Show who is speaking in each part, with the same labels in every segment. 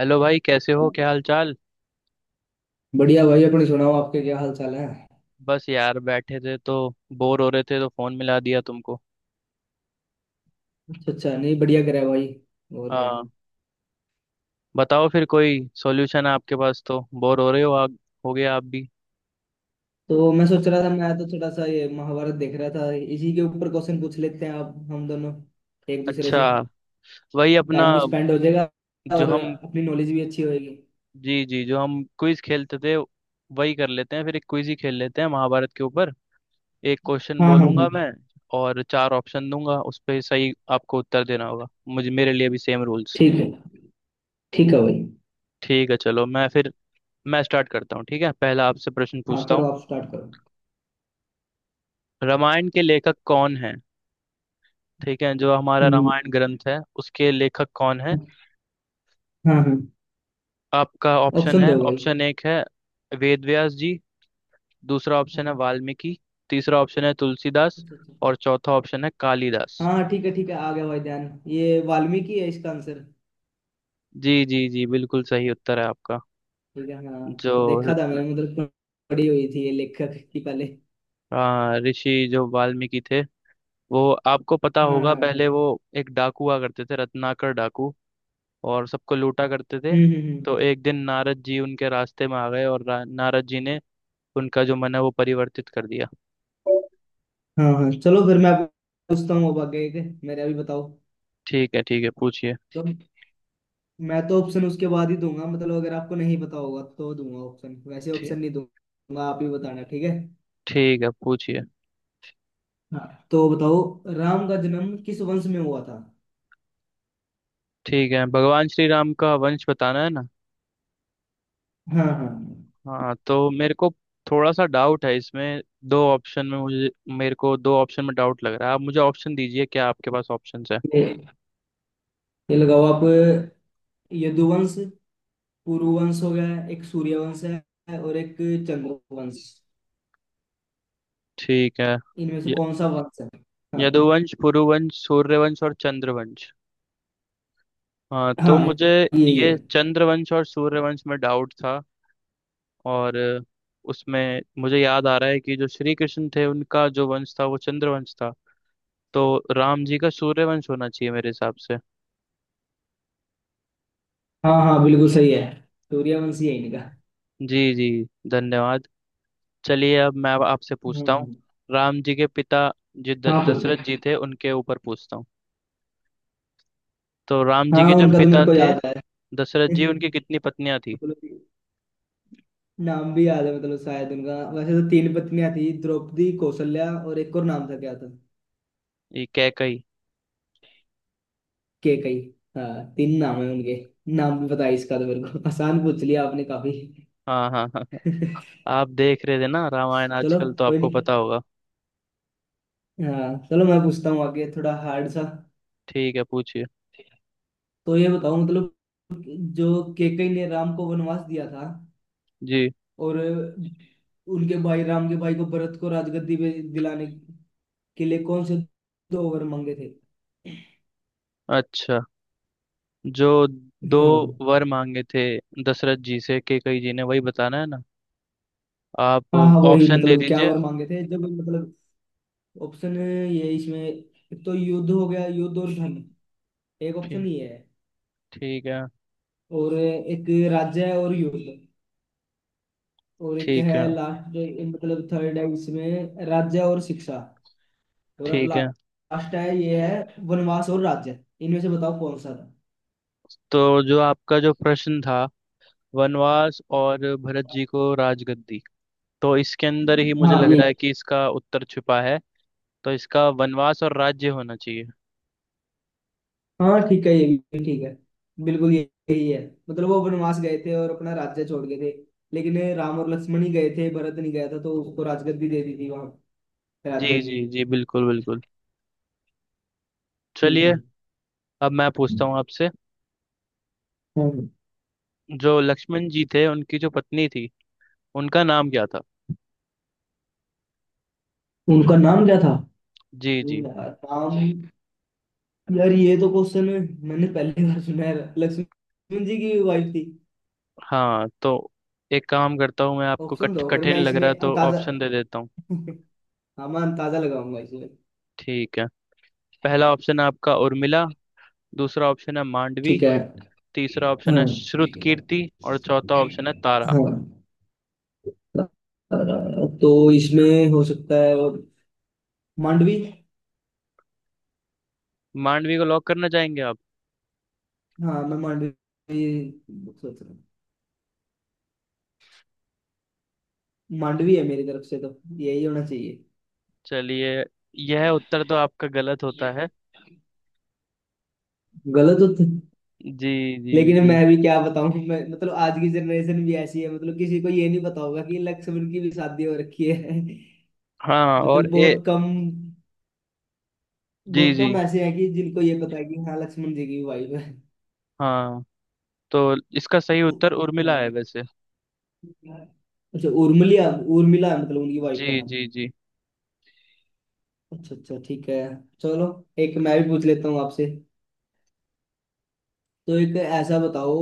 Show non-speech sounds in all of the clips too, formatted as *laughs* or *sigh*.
Speaker 1: Hello भाई, कैसे हो? क्या हाल चाल?
Speaker 2: बढ़िया भाई। अपनी सुनाओ। आपके क्या हाल चाल है।
Speaker 1: बस यार बैठे थे तो बोर हो रहे थे तो फोन मिला दिया तुमको।
Speaker 2: अच्छा अच्छा, नहीं बढ़िया करा भाई। और क्या।
Speaker 1: हाँ। बताओ फिर, कोई सॉल्यूशन है आपके पास? तो बोर हो रहे हो आप, हो गए आप भी।
Speaker 2: तो मैं सोच रहा था, मैं तो थोड़ा सा ये महाभारत देख रहा था। इसी के ऊपर क्वेश्चन पूछ लेते हैं आप हम दोनों एक दूसरे
Speaker 1: अच्छा।
Speaker 2: से।
Speaker 1: वही अपना
Speaker 2: टाइम भी स्पेंड हो जाएगा
Speaker 1: जो
Speaker 2: और
Speaker 1: हम
Speaker 2: अपनी नॉलेज भी अच्छी होगी।
Speaker 1: जी जी, जो हम क्विज खेलते थे वही कर लेते हैं, फिर एक क्विज ही खेल लेते हैं महाभारत के ऊपर। एक क्वेश्चन
Speaker 2: हाँ हाँ
Speaker 1: बोलूंगा
Speaker 2: हाँ।
Speaker 1: मैं और चार ऑप्शन दूंगा, उस पे सही आपको उत्तर देना होगा। मुझे, मेरे लिए भी सेम रूल्स।
Speaker 2: ठीक है, ठीक है भाई।
Speaker 1: ठीक है, चलो मैं स्टार्ट करता हूँ। ठीक है, पहला आपसे प्रश्न
Speaker 2: हाँ
Speaker 1: पूछता
Speaker 2: करो,
Speaker 1: हूँ।
Speaker 2: आप स्टार्ट करो।
Speaker 1: रामायण के लेखक कौन है? ठीक है, जो हमारा
Speaker 2: हम्म,
Speaker 1: रामायण ग्रंथ है उसके लेखक कौन है?
Speaker 2: हाँ हाँ।
Speaker 1: आपका ऑप्शन
Speaker 2: ऑप्शन
Speaker 1: है।
Speaker 2: दो भाई।
Speaker 1: ऑप्शन एक है वेद व्यास जी। दूसरा ऑप्शन है
Speaker 2: हाँ।
Speaker 1: वाल्मीकि। तीसरा ऑप्शन है तुलसीदास
Speaker 2: अच्छा अच्छा।
Speaker 1: और चौथा ऑप्शन है कालिदास।
Speaker 2: हाँ ठीक है, ठीक है, आ गया भाई ध्यान। ये वाल्मीकि है इसका आंसर।
Speaker 1: जी जी जी, बिल्कुल सही उत्तर है आपका।
Speaker 2: ठीक है। हाँ
Speaker 1: जो
Speaker 2: तो देखा था मैंने, मतलब पढ़ी हुई थी ये लेखक की पहले।
Speaker 1: ऋषि जो वाल्मीकि थे, वो आपको पता
Speaker 2: हाँ
Speaker 1: होगा,
Speaker 2: हाँ।
Speaker 1: पहले वो एक डाकू हुआ करते थे, रत्नाकर डाकू, और सबको लूटा करते थे।
Speaker 2: हम्म।
Speaker 1: तो एक दिन नारद जी उनके रास्ते में आ गए और नारद जी ने उनका जो मन है वो परिवर्तित कर दिया।
Speaker 2: हम्म। हाँ हाँ चलो, फिर मैं आपको पूछता हूँ अब आगे एक, मेरे अभी बताओ।
Speaker 1: ठीक है, ठीक है पूछिए।
Speaker 2: तो मैं तो ऑप्शन उसके बाद ही दूंगा, मतलब अगर आपको नहीं पता होगा तो दूंगा ऑप्शन, वैसे
Speaker 1: ठीक,
Speaker 2: ऑप्शन नहीं दूंगा। आप ही बताना। ठीक है।
Speaker 1: ठीक है पूछिए।
Speaker 2: हाँ तो बताओ, राम का जन्म किस वंश में हुआ था।
Speaker 1: ठीक है, भगवान श्री राम का वंश बताना है ना?
Speaker 2: हाँ हाँ।
Speaker 1: हाँ, तो मेरे को थोड़ा सा डाउट है इसमें। दो ऑप्शन में मुझे मेरे को दो ऑप्शन में डाउट लग रहा है। आप मुझे ऑप्शन दीजिए, क्या आपके पास ऑप्शंस है?
Speaker 2: ये ये लगाओ आप। यदुवंश, पुरुवंश हो गया, एक सूर्यवंश है और एक चंद्रवंश।
Speaker 1: ठीक है।
Speaker 2: इनमें से
Speaker 1: य-
Speaker 2: कौन सा वंश है। हाँ
Speaker 1: यदुवंश, पुरुवंश, सूर्यवंश और चंद्रवंश। हाँ, तो
Speaker 2: हाँ,
Speaker 1: मुझे
Speaker 2: यही है।
Speaker 1: ये चंद्रवंश और सूर्यवंश में डाउट था। और उसमें मुझे याद आ रहा है कि जो श्री कृष्ण थे उनका जो वंश था वो चंद्रवंश था। तो राम जी का सूर्यवंश होना चाहिए मेरे हिसाब से।
Speaker 2: हाँ हाँ बिल्कुल सही है। सूर्यवंशी है इनका।
Speaker 1: जी जी, धन्यवाद। चलिए, अब मैं अब आपसे पूछता हूँ।
Speaker 2: हम्म।
Speaker 1: राम जी के पिता जो
Speaker 2: हाँ पूछो।
Speaker 1: दशरथ जी थे, उनके ऊपर पूछता हूँ। तो राम जी
Speaker 2: हाँ,
Speaker 1: के जो
Speaker 2: उनका तो
Speaker 1: पिता
Speaker 2: मेरे को
Speaker 1: थे
Speaker 2: याद है।
Speaker 1: दशरथ जी,
Speaker 2: *laughs*
Speaker 1: उनकी कितनी पत्नियां थी?
Speaker 2: मतलब नाम भी याद है, मतलब शायद उनका, वैसे तो तीन पत्नियां थी, द्रौपदी, कौशल्या और एक और, नाम था क्या था।
Speaker 1: ये कैकई।
Speaker 2: केकई। हाँ, तीन नाम है उनके। नाम भी पता है इसका, तो मेरे को आसान पूछ लिया आपने काफी।
Speaker 1: हाँ हाँ हाँ हाँ।
Speaker 2: *laughs*
Speaker 1: आप देख रहे थे ना रामायण
Speaker 2: चलो,
Speaker 1: आजकल, तो
Speaker 2: कोई
Speaker 1: आपको
Speaker 2: नहीं।
Speaker 1: पता होगा।
Speaker 2: हाँ चलो मैं पूछता हूँ आगे थोड़ा हार्ड सा।
Speaker 1: ठीक है पूछिए।
Speaker 2: तो ये बताओ, मतलब जो केकई ने राम को वनवास दिया था,
Speaker 1: जी।
Speaker 2: और उनके भाई, राम के भाई को, भरत को राजगद्दी पे दिलाने के लिए कौन से दो वर मांगे थे।
Speaker 1: अच्छा। जो दो
Speaker 2: हम्म।
Speaker 1: वर मांगे थे दशरथ जी से कैकई जी ने, वही बताना है ना आप?
Speaker 2: हाँ हाँ वही,
Speaker 1: ऑप्शन दे
Speaker 2: मतलब क्या
Speaker 1: दीजिए।
Speaker 2: वर मांगे थे, जब मतलब ऑप्शन। ये इसमें तो, युद्ध हो गया, युद्ध और धन, एक ऑप्शन
Speaker 1: ठीक,
Speaker 2: ये है।
Speaker 1: ठीक है।
Speaker 2: और एक राज्य है और युद्ध। और एक
Speaker 1: ठीक
Speaker 2: है
Speaker 1: है।
Speaker 2: लास्ट, मतलब थर्ड है इसमें, राज्य और शिक्षा। और अब
Speaker 1: ठीक है,
Speaker 2: लास्ट है ये, है वनवास और राज्य। इनमें से बताओ कौन सा था।
Speaker 1: तो जो आपका जो प्रश्न था, वनवास और भरत जी को राजगद्दी, तो इसके अंदर ही मुझे
Speaker 2: हाँ
Speaker 1: लग
Speaker 2: ये।
Speaker 1: रहा है कि इसका उत्तर छिपा है। तो इसका वनवास और राज्य होना चाहिए।
Speaker 2: हाँ ठीक है, ये भी ठीक है। बिल्कुल यही है। मतलब वो वनवास गए थे और अपना राज्य छोड़ गए थे। लेकिन राम और लक्ष्मण ही गए थे, भरत नहीं गया था, तो उसको राजगद्दी दे दी थी वहां
Speaker 1: जी
Speaker 2: राज्य की।
Speaker 1: जी जी, बिल्कुल बिल्कुल। चलिए,
Speaker 2: हम्म
Speaker 1: अब मैं पूछता
Speaker 2: हम्म।
Speaker 1: हूँ आपसे।
Speaker 2: हाँ।
Speaker 1: जो लक्ष्मण जी थे उनकी जो पत्नी थी, उनका नाम क्या था?
Speaker 2: उनका नाम क्या था।
Speaker 1: जी जी।
Speaker 2: यार नाम। यार, ये तो क्वेश्चन मैंने पहली बार सुना है, लक्ष्मण जी की वाइफ थी।
Speaker 1: हाँ, तो एक काम करता हूँ, मैं आपको
Speaker 2: ऑप्शन दो, फिर
Speaker 1: कठिन
Speaker 2: मैं
Speaker 1: लग रहा है
Speaker 2: इसमें
Speaker 1: तो
Speaker 2: अंदाजा।
Speaker 1: ऑप्शन दे देता हूँ।
Speaker 2: *laughs* हाँ मैं अंदाजा लगाऊंगा इसमें।
Speaker 1: ठीक है, पहला ऑप्शन है आपका उर्मिला। दूसरा ऑप्शन है मांडवी।
Speaker 2: ठीक है।
Speaker 1: तीसरा ऑप्शन है
Speaker 2: हाँ
Speaker 1: श्रुत कीर्ति और चौथा ऑप्शन है तारा।
Speaker 2: हाँ। अ, तो इसमें हो सकता है और मांडवी।
Speaker 1: मांडवी को लॉक करना चाहेंगे आप?
Speaker 2: हाँ मैं मांडवी सोच रहा हूँ, मांडवी है मेरी तरफ से, तो यही होना चाहिए।
Speaker 1: चलिए, यह उत्तर तो आपका गलत होता है।
Speaker 2: गलत हो तो-।
Speaker 1: जी जी
Speaker 2: लेकिन
Speaker 1: जी।
Speaker 2: मैं भी क्या बताऊं, मैं मतलब आज की जनरेशन भी ऐसी है, मतलब किसी को ये नहीं पता होगा कि लक्ष्मण की भी शादी हो रखी है। *laughs*
Speaker 1: हाँ और
Speaker 2: मतलब
Speaker 1: ए
Speaker 2: बहुत कम।
Speaker 1: जी
Speaker 2: बहुत
Speaker 1: जी।
Speaker 2: कम ऐसे हैं कि जिनको ये पता है कि हाँ लक्ष्मण जी की वाइफ है।
Speaker 1: हाँ, तो इसका सही
Speaker 2: उ-
Speaker 1: उत्तर उर्मिला है
Speaker 2: हाँ,
Speaker 1: वैसे।
Speaker 2: अच्छा उर्मिला। उर्मिला है मतलब उनकी
Speaker 1: जी
Speaker 2: वाइफ का नाम।
Speaker 1: जी जी।
Speaker 2: अच्छा अच्छा, ठीक है चलो। एक मैं भी पूछ लेता हूँ आपसे। तो एक ऐसा बताओ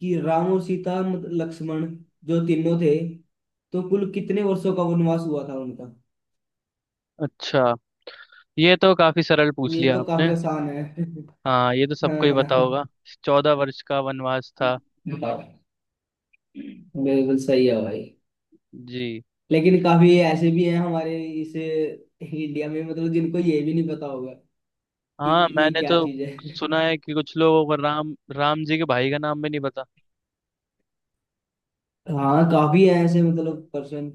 Speaker 2: कि राम और सीता लक्ष्मण, जो तीनों थे, तो कुल कितने वर्षों का वनवास हुआ था उनका।
Speaker 1: अच्छा। ये तो काफी सरल पूछ
Speaker 2: ये
Speaker 1: लिया
Speaker 2: तो
Speaker 1: आपने।
Speaker 2: काफी आसान है। *laughs*
Speaker 1: हाँ, ये तो
Speaker 2: हाँ
Speaker 1: सबको ही
Speaker 2: हाँ
Speaker 1: पता होगा। 14 वर्ष का वनवास था।
Speaker 2: बताओ। बिल्कुल सही है भाई।
Speaker 1: जी।
Speaker 2: लेकिन काफी ऐसे भी हैं हमारे इस इंडिया में, मतलब जिनको ये भी नहीं पता होगा कि
Speaker 1: हाँ,
Speaker 2: ये
Speaker 1: मैंने
Speaker 2: क्या
Speaker 1: तो
Speaker 2: चीज है।
Speaker 1: सुना है कि कुछ लोगों को राम, राम जी के भाई का नाम भी नहीं पता।
Speaker 2: *laughs* हाँ काफी है ऐसे मतलब पर्सन।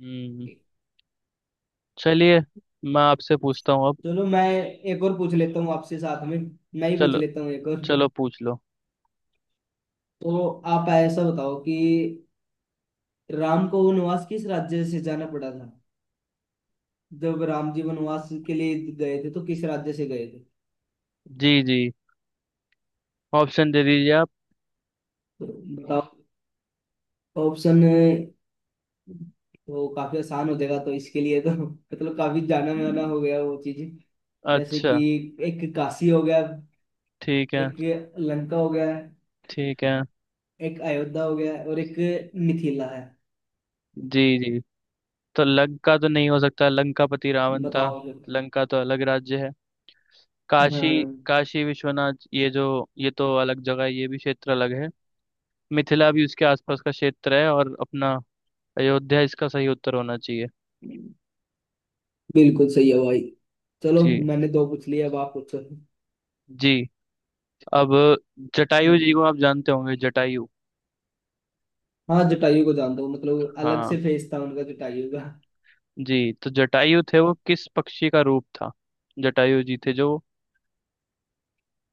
Speaker 1: हम्म। चलिए, मैं आपसे पूछता हूँ अब।
Speaker 2: चलो, मैं एक और पूछ लेता हूँ आपसे साथ में, मैं ही पूछ
Speaker 1: चलो,
Speaker 2: लेता हूँ एक और।
Speaker 1: चलो पूछ लो।
Speaker 2: तो आप ऐसा बताओ कि राम को वनवास किस राज्य से जाना पड़ा था। जब राम जी वनवास के लिए गए थे, तो किस राज्य से गए थे।
Speaker 1: जी जी। ऑप्शन दे दीजिए आप।
Speaker 2: तो बताओ ऑप्शन। तो काफी आसान हो जाएगा, तो इसके लिए तो मतलब काफी जाना माना हो गया वो चीज। जैसे
Speaker 1: अच्छा।
Speaker 2: कि एक काशी हो गया,
Speaker 1: ठीक है,
Speaker 2: एक लंका हो गया,
Speaker 1: ठीक है।
Speaker 2: एक अयोध्या हो गया और एक मिथिला है।
Speaker 1: जी जी, तो लंका तो नहीं हो सकता, लंकापति रावण था।
Speaker 2: बताओ जरा।
Speaker 1: लंका तो अलग राज्य है। काशी,
Speaker 2: हाँ
Speaker 1: काशी विश्वनाथ, ये जो, ये तो अलग जगह है, ये भी क्षेत्र अलग है। मिथिला भी उसके आसपास का क्षेत्र है। और अपना अयोध्या इसका सही उत्तर होना चाहिए।
Speaker 2: बिल्कुल सही है भाई। चलो,
Speaker 1: जी।
Speaker 2: मैंने दो पूछ लिए, अब आप पूछो।
Speaker 1: जी, अब जटायु जी को आप जानते होंगे, जटायु।
Speaker 2: हाँ जटायु को जानता हूँ, मतलब अलग
Speaker 1: हाँ।
Speaker 2: से फेस था उनका जटायु का।
Speaker 1: जी, तो जटायु थे, वो किस पक्षी का रूप था? जटायु जी थे जो।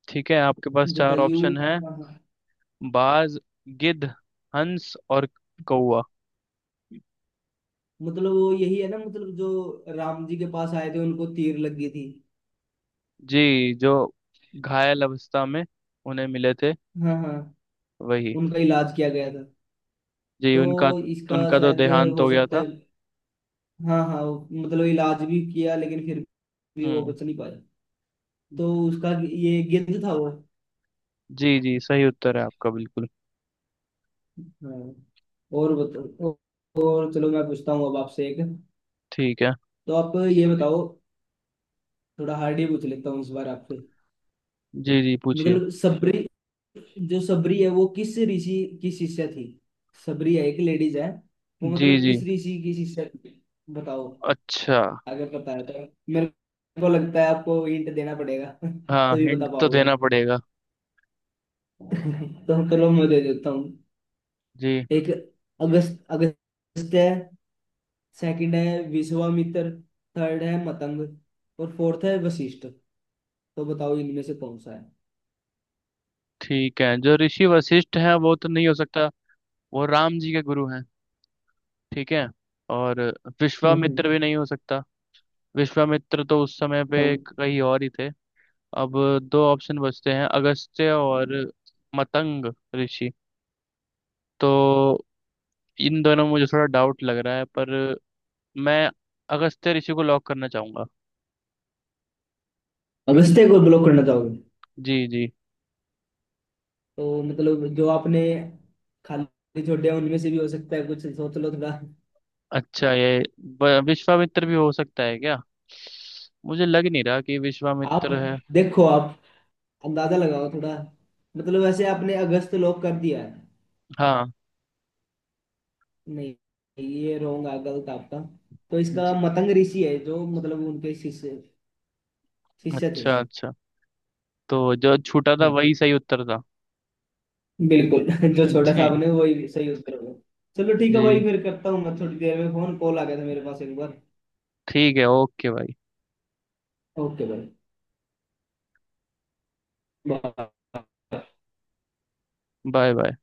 Speaker 1: ठीक है, आपके पास चार
Speaker 2: जटायु,
Speaker 1: ऑप्शन है:
Speaker 2: हाँ हाँ।
Speaker 1: बाज, गिद्ध, हंस और कौवा।
Speaker 2: मतलब वो यही है ना, मतलब जो राम जी के पास आए थे, उनको तीर लगी थी।
Speaker 1: जी, जो घायल अवस्था में उन्हें मिले थे,
Speaker 2: हाँ हाँ,
Speaker 1: वही।
Speaker 2: उनका इलाज किया गया था।
Speaker 1: जी
Speaker 2: तो
Speaker 1: उनका।
Speaker 2: इसका
Speaker 1: उनका तो
Speaker 2: शायद
Speaker 1: देहांत हो
Speaker 2: हो
Speaker 1: गया
Speaker 2: सकता
Speaker 1: था।
Speaker 2: है। हाँ हाँ, मतलब इलाज भी किया, लेकिन फिर भी वो
Speaker 1: हम्म।
Speaker 2: बच नहीं पाया। तो उसका ये गिद्ध था वो।
Speaker 1: जी जी, सही उत्तर है आपका बिल्कुल।
Speaker 2: हाँ, और बताओ। और चलो मैं पूछता हूँ अब आपसे एक।
Speaker 1: ठीक है।
Speaker 2: तो आप ये बताओ, थोड़ा हार्ड ही पूछ लेता हूँ इस बार आपसे।
Speaker 1: जी जी पूछिए।
Speaker 2: मतलब सबरी, जो सबरी है वो किस ऋषि की शिष्या थी। सबरी है, एक लेडीज है वो,
Speaker 1: जी
Speaker 2: मतलब
Speaker 1: जी,
Speaker 2: किस ऋषि की शिष्या थी बताओ।
Speaker 1: अच्छा।
Speaker 2: अगर पता है तो मेरे को लगता है आपको हिंट देना पड़ेगा *laughs*
Speaker 1: हाँ,
Speaker 2: तभी
Speaker 1: हिंट
Speaker 2: बता
Speaker 1: तो
Speaker 2: पाओगे
Speaker 1: देना
Speaker 2: आप।
Speaker 1: पड़ेगा।
Speaker 2: *laughs* तो चलो मैं दे देता हूँ।
Speaker 1: जी।
Speaker 2: एक अगस्त, अगस्त है। सेकंड है विश्वामित्र। थर्ड है मतंग। और फोर्थ है वशिष्ठ। तो बताओ इनमें से कौन सा है।
Speaker 1: ठीक है, जो ऋषि वशिष्ठ हैं वो तो नहीं हो सकता, वो राम जी के गुरु हैं। ठीक है। और
Speaker 2: हम्म,
Speaker 1: विश्वामित्र भी नहीं हो सकता, विश्वामित्र तो उस समय पे
Speaker 2: हम्म।
Speaker 1: कहीं और ही थे। अब दो ऑप्शन बचते हैं, अगस्त्य और मतंग ऋषि। तो इन दोनों में मुझे थोड़ा डाउट लग रहा है, पर मैं अगस्त्य ऋषि को लॉक करना चाहूंगा।
Speaker 2: अगस्त्य को ब्लॉक करना चाहोगे।
Speaker 1: जी जी।
Speaker 2: तो मतलब जो आपने खाली छोड़े हैं, उनमें से भी हो सकता है कुछ, सोच लो थोड़ा।
Speaker 1: अच्छा, ये विश्वामित्र भी हो सकता है क्या? मुझे लग नहीं रहा कि
Speaker 2: आप
Speaker 1: विश्वामित्र है।
Speaker 2: देखो, आप अंदाजा लगाओ थोड़ा। मतलब वैसे आपने अगस्त लोक कर दिया है।
Speaker 1: हाँ।
Speaker 2: नहीं ये रॉन्ग है, गलत आपका। तो इसका
Speaker 1: जी,
Speaker 2: मतंग ऋषि है, जो मतलब उनके शिष्य शिष्य थे।
Speaker 1: अच्छा अच्छा, तो जो छूटा था वही सही उत्तर था।
Speaker 2: बिल्कुल। *laughs* जो
Speaker 1: *laughs*
Speaker 2: छोटा सा
Speaker 1: जी।
Speaker 2: आपने, वही सही उत्तर होगा। चलो ठीक है भाई,
Speaker 1: जी
Speaker 2: फिर करता हूँ मैं थोड़ी देर में, फोन कॉल आ गया था मेरे पास एक बार।
Speaker 1: ठीक है, ओके भाई।
Speaker 2: ओके भाई। Bye.
Speaker 1: Bye bye.